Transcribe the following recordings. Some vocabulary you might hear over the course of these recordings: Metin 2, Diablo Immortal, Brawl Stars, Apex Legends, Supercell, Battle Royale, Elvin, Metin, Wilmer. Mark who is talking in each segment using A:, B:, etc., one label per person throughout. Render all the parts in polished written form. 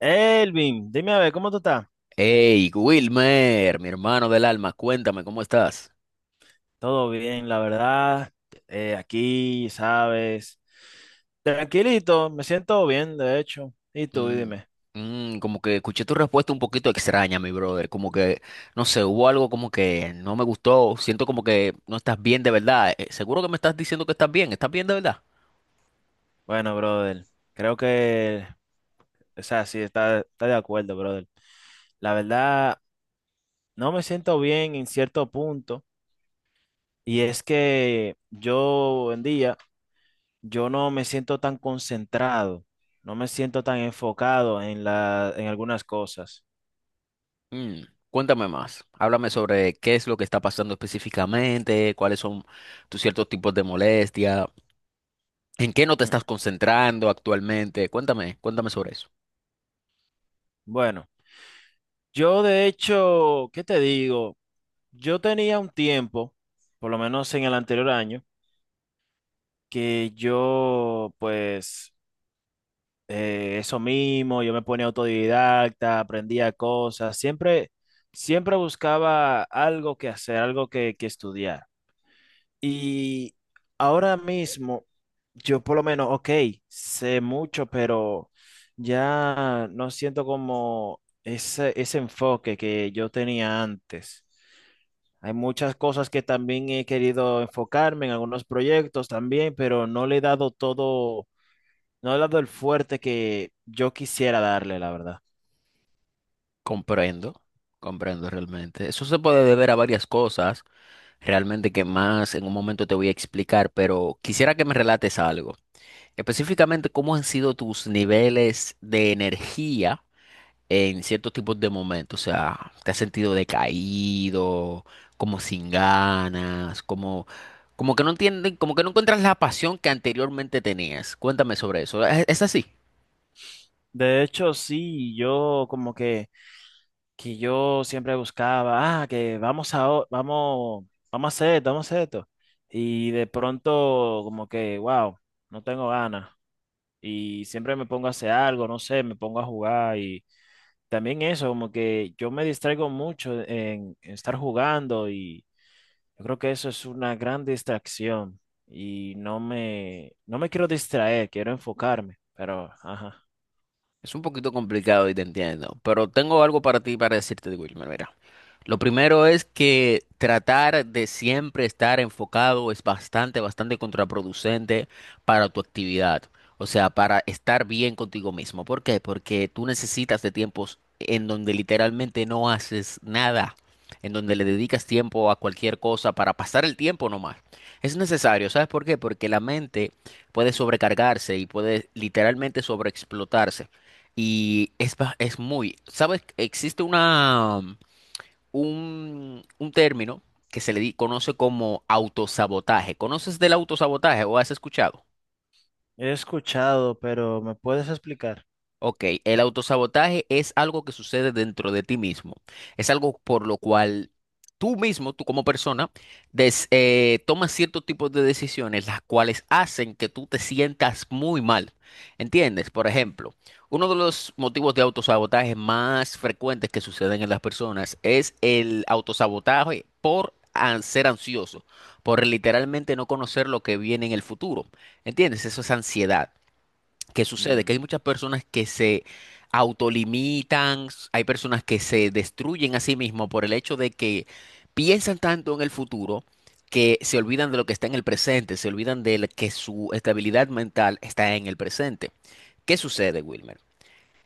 A: Elvin, dime a ver, ¿cómo tú estás?
B: Hey, Wilmer, mi hermano del alma, cuéntame, ¿cómo estás?
A: Todo bien, la verdad. Aquí, sabes. Tranquilito, me siento bien, de hecho. ¿Y tú,
B: Mm,
A: dime?
B: como que escuché tu respuesta un poquito extraña, mi brother. Como que, no sé, hubo algo como que no me gustó. Siento como que no estás bien de verdad. Seguro que me estás diciendo que estás bien. ¿Estás bien de verdad?
A: Bueno, brother, creo que, o sea, sí, está de acuerdo, brother. La verdad, no me siento bien en cierto punto. Y es que yo, en día, yo no me siento tan concentrado, no me siento tan enfocado en en algunas cosas.
B: Mm, cuéntame más. Háblame sobre qué es lo que está pasando específicamente, cuáles son tus ciertos tipos de molestia, en qué no te
A: Mm.
B: estás concentrando actualmente. Cuéntame, cuéntame sobre eso.
A: Bueno, yo de hecho, ¿qué te digo? Yo tenía un tiempo, por lo menos en el anterior año, que yo pues, eso mismo, yo me ponía autodidacta, aprendía cosas, siempre buscaba algo que hacer, algo que estudiar. Y ahora mismo, yo por lo menos, ok, sé mucho, pero ya no siento como ese enfoque que yo tenía antes. Hay muchas cosas que también he querido enfocarme en algunos proyectos también, pero no le he dado todo, no le he dado el fuerte que yo quisiera darle, la verdad.
B: Comprendo, comprendo realmente. Eso se puede deber a varias cosas, realmente que más en un momento te voy a explicar, pero quisiera que me relates algo. Específicamente, ¿cómo han sido tus niveles de energía en ciertos tipos de momentos? O sea, ¿te has sentido decaído, como sin ganas, como, como que no entienden, como que no encuentras la pasión que anteriormente tenías? Cuéntame sobre eso. ¿Es así?
A: De hecho, sí, que yo siempre buscaba, ah, que vamos a, o- vamos, vamos a hacer esto, vamos a hacer esto. Y de pronto como que, wow, no tengo ganas. Y siempre me pongo a hacer algo, no sé, me pongo a jugar y también eso, como que yo me distraigo mucho en estar jugando y yo creo que eso es una gran distracción y no me quiero distraer, quiero enfocarme, pero, ajá.
B: Es un poquito complicado y te entiendo, pero tengo algo para ti para decirte, Wilmer, mira. Lo primero es que tratar de siempre estar enfocado es bastante, bastante contraproducente para tu actividad. O sea, para estar bien contigo mismo. ¿Por qué? Porque tú necesitas de tiempos en donde literalmente no haces nada, en donde le dedicas tiempo a cualquier cosa para pasar el tiempo nomás. Es necesario, ¿sabes por qué? Porque la mente puede sobrecargarse y puede literalmente sobreexplotarse. Y es muy, ¿sabes? Existe un término que se le conoce como autosabotaje. ¿Conoces del autosabotaje o has escuchado?
A: He escuchado, pero ¿me puedes explicar?
B: Ok, el autosabotaje es algo que sucede dentro de ti mismo. Es algo por lo cual tú mismo, tú como persona, tomas ciertos tipos de decisiones, las cuales hacen que tú te sientas muy mal. ¿Entiendes? Por ejemplo, uno de los motivos de autosabotaje más frecuentes que suceden en las personas es el autosabotaje por ser ansioso, por literalmente no conocer lo que viene en el futuro. ¿Entiendes? Eso es ansiedad. ¿Qué sucede? Que hay
A: Mm,
B: muchas personas que se autolimitan, s- hay personas que se destruyen a sí mismos por el hecho de que piensan tanto en el futuro que se olvidan de lo que está en el presente, se olvidan que su estabilidad mental está en el presente. ¿Qué sucede, Wilmer?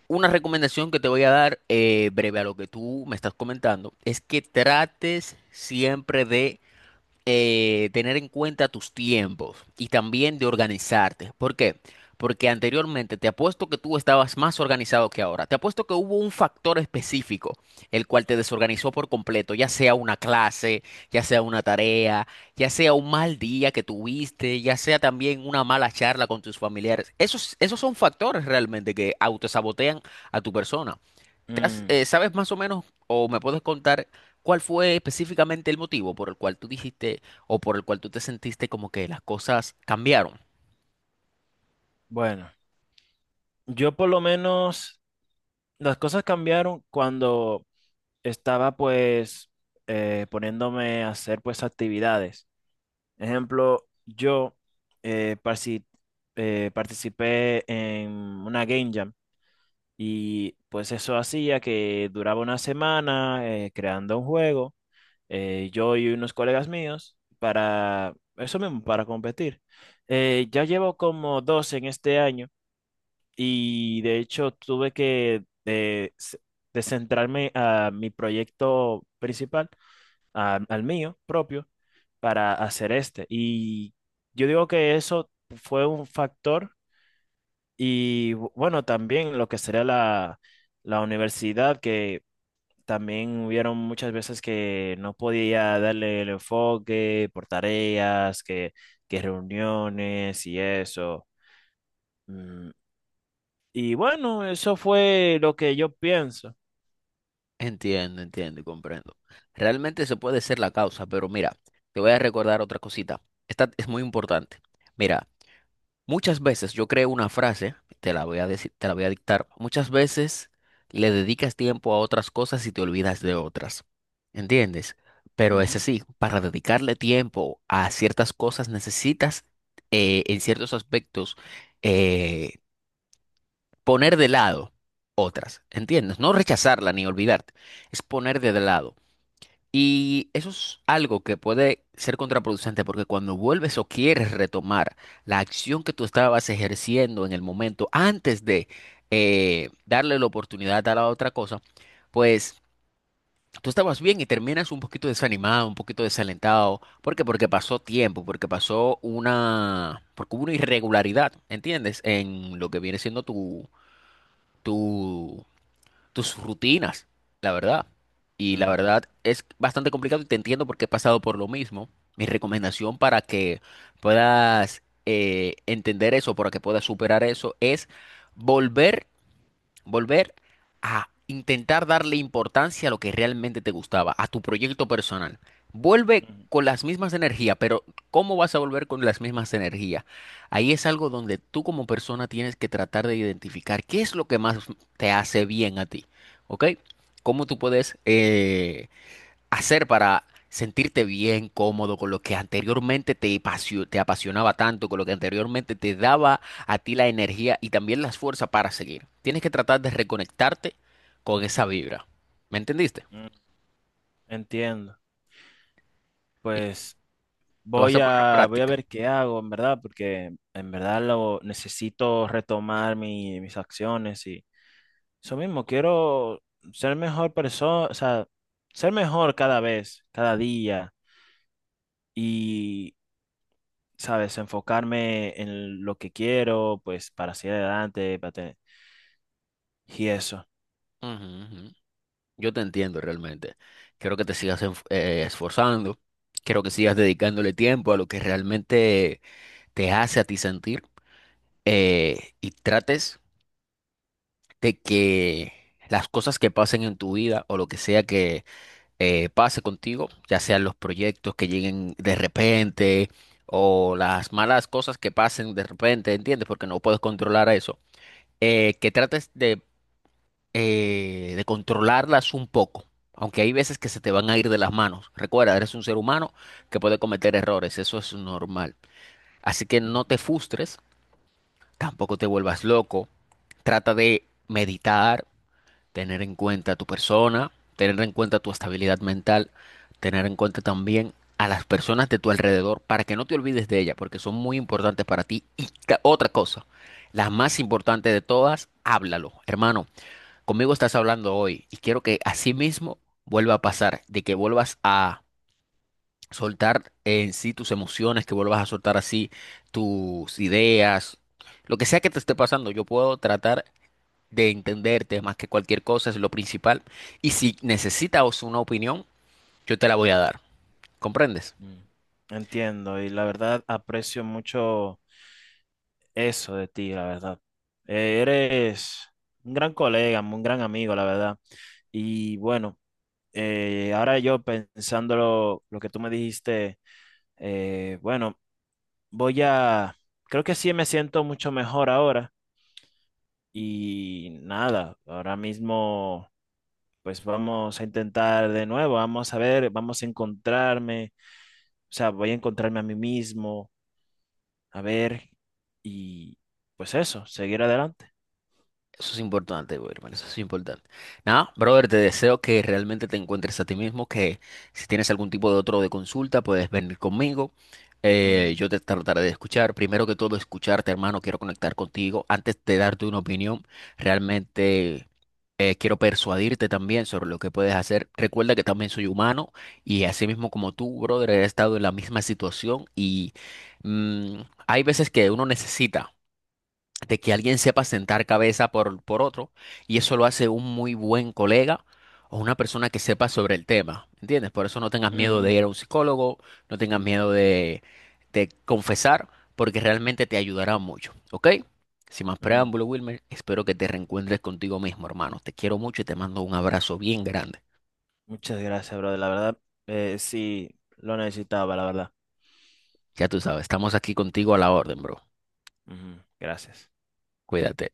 B: Una recomendación que te voy a dar, breve a lo que tú me estás comentando, es que trates siempre de tener en cuenta tus tiempos y también de organizarte. ¿Por qué? Porque anteriormente te apuesto que tú estabas más organizado que ahora. Te apuesto que hubo un factor específico el cual te desorganizó por completo, ya sea una clase, ya sea una tarea, ya sea un mal día que tuviste, ya sea también una mala charla con tus familiares. Esos son factores realmente que autosabotean a tu persona.
A: mm.
B: ¿Sabes más o menos o me puedes contar cuál fue específicamente el motivo por el cual tú dijiste o por el cual tú te sentiste como que las cosas cambiaron?
A: Bueno, yo por lo menos las cosas cambiaron cuando estaba pues, poniéndome a hacer pues actividades. Ejemplo, yo eh, parci- participé en una game jam. Y pues eso hacía que duraba una semana creando un juego, yo y unos colegas míos, para eso mismo, para competir. Ya llevo como dos en este año y de hecho tuve que descentrarme a mi proyecto principal, al mío propio, para hacer este. Y yo digo que eso fue un factor y bueno, también lo que sería la universidad, que también hubieron muchas veces que no podía darle el enfoque por tareas, que reuniones y eso. Mm. Y bueno, eso fue lo que yo pienso.
B: Entiendo, entiendo y comprendo. Realmente eso puede ser la causa, pero mira, te voy a recordar otra cosita. Esta es muy importante. Mira, muchas veces yo creo una frase, te la voy a decir, te la voy a dictar. Muchas veces le dedicas tiempo a otras cosas y te olvidas de otras. ¿Entiendes? Pero es
A: Ujú,
B: así, para dedicarle tiempo a ciertas cosas necesitas en ciertos aspectos eh, poner de lado otras. ¿Entiendes? No rechazarla ni olvidarte, es poner de lado. Y eso es algo que puede ser contraproducente porque cuando vuelves o quieres retomar la acción que tú estabas ejerciendo en el momento antes de darle la oportunidad a la otra cosa, pues tú estabas bien y terminas un poquito desanimado, un poquito desalentado. ¿Por qué? Porque pasó tiempo, porque porque hubo una irregularidad, ¿entiendes? En lo que viene siendo tu, tus rutinas, la verdad. Y la
A: ujú,
B: verdad es bastante complicado y te entiendo porque he pasado por lo mismo. Mi recomendación para que puedas entender eso, para que puedas superar eso, es volver Volver a intentar darle importancia a lo que realmente te gustaba, a tu proyecto personal. Vuelve
A: ujú,
B: con las mismas energías, pero ¿cómo vas a volver con las mismas energías? Ahí es algo donde tú como persona tienes que tratar de identificar qué es lo que más te hace bien a ti, ¿ok? ¿Cómo tú puedes hacer para sentirte bien, cómodo con lo que anteriormente te te apasionaba tanto, con lo que anteriormente te daba a ti la energía y también las fuerzas para seguir. Tienes que tratar de reconectarte con esa vibra. ¿Me entendiste?
A: ujú. Entiendo.
B: Y
A: Pues
B: lo vas a poner en
A: voy a
B: práctica.
A: ver qué hago, en verdad, porque en verdad lo necesito retomar mis acciones y eso mismo, quiero ser mejor persona, o sea, ser mejor cada vez, cada día y, ¿sabes? Enfocarme en lo que quiero, pues, para seguir adelante, para tener, y eso.
B: Ujú, ujú. Yo te entiendo realmente. Quiero que te sigas esforzando. Quiero que sigas dedicándole tiempo a lo que realmente te hace a ti sentir. Y trates de que las cosas que pasen en tu vida o lo que sea que pase contigo, ya sean los proyectos que lleguen de repente o las malas cosas que pasen de repente, ¿entiendes? Porque no puedes controlar eso. Que trates de controlarlas un poco. Aunque hay veces que se te van a ir de las manos. Recuerda, eres un ser humano que puede cometer errores, eso es normal. Así que no
A: Ujú,
B: te frustres, tampoco te vuelvas loco. Trata de meditar, tener en cuenta a tu persona, tener en cuenta tu estabilidad mental, tener en cuenta también a las personas de tu alrededor para que no te olvides de ellas, porque son muy importantes para ti. Y otra cosa, la más importante de todas, háblalo. Hermano, conmigo estás hablando hoy y quiero que así mismo vuelva a pasar, de que vuelvas a soltar en sí tus emociones, que vuelvas a soltar así tus ideas, lo que sea que te esté pasando, yo puedo tratar de entenderte más que cualquier cosa es lo principal. Y si necesitas una opinión, yo te la voy a dar. ¿Comprendes?
A: mm. Entiendo, y la verdad aprecio mucho eso de ti, la verdad. Eres un gran colega, un gran amigo, la verdad. Y bueno, ahora yo pensando lo que tú me dijiste, bueno, voy a, creo que sí me siento mucho mejor ahora y nada, ahora mismo pues vamos a intentar de nuevo, vamos a ver, vamos a encontrarme, o sea, voy a encontrarme a mí mismo, a ver y pues eso, seguir adelante.
B: Eso es importante, güey, hermano, eso es importante. Nada, brother, te deseo que realmente te encuentres a ti mismo, que si tienes algún tipo de otro de consulta, puedes venir conmigo.
A: Ujú,
B: Yo te trataré de escuchar. Primero que todo, escucharte, hermano, quiero conectar contigo. Antes de darte una opinión, realmente quiero persuadirte también sobre lo que puedes hacer. Recuerda que también soy humano y así mismo como tú, brother, he estado en la misma situación y mm, hay veces que uno necesita de que alguien sepa sentar cabeza por otro, y eso lo hace un muy buen colega o una persona que sepa sobre el tema, ¿entiendes? Por eso no tengas miedo de
A: ujú,
B: ir a un psicólogo, no tengas miedo de confesar, porque realmente te ayudará mucho, ¿ok? Sin más
A: mm.
B: preámbulo, Wilmer, espero que te reencuentres contigo mismo, hermano. Te quiero mucho y te mando un abrazo bien grande.
A: Muchas gracias, brother, la verdad, sí, lo necesitaba, la verdad.
B: Ya tú sabes, estamos aquí contigo a la orden, bro.
A: Ujú, gracias.
B: Cuídate.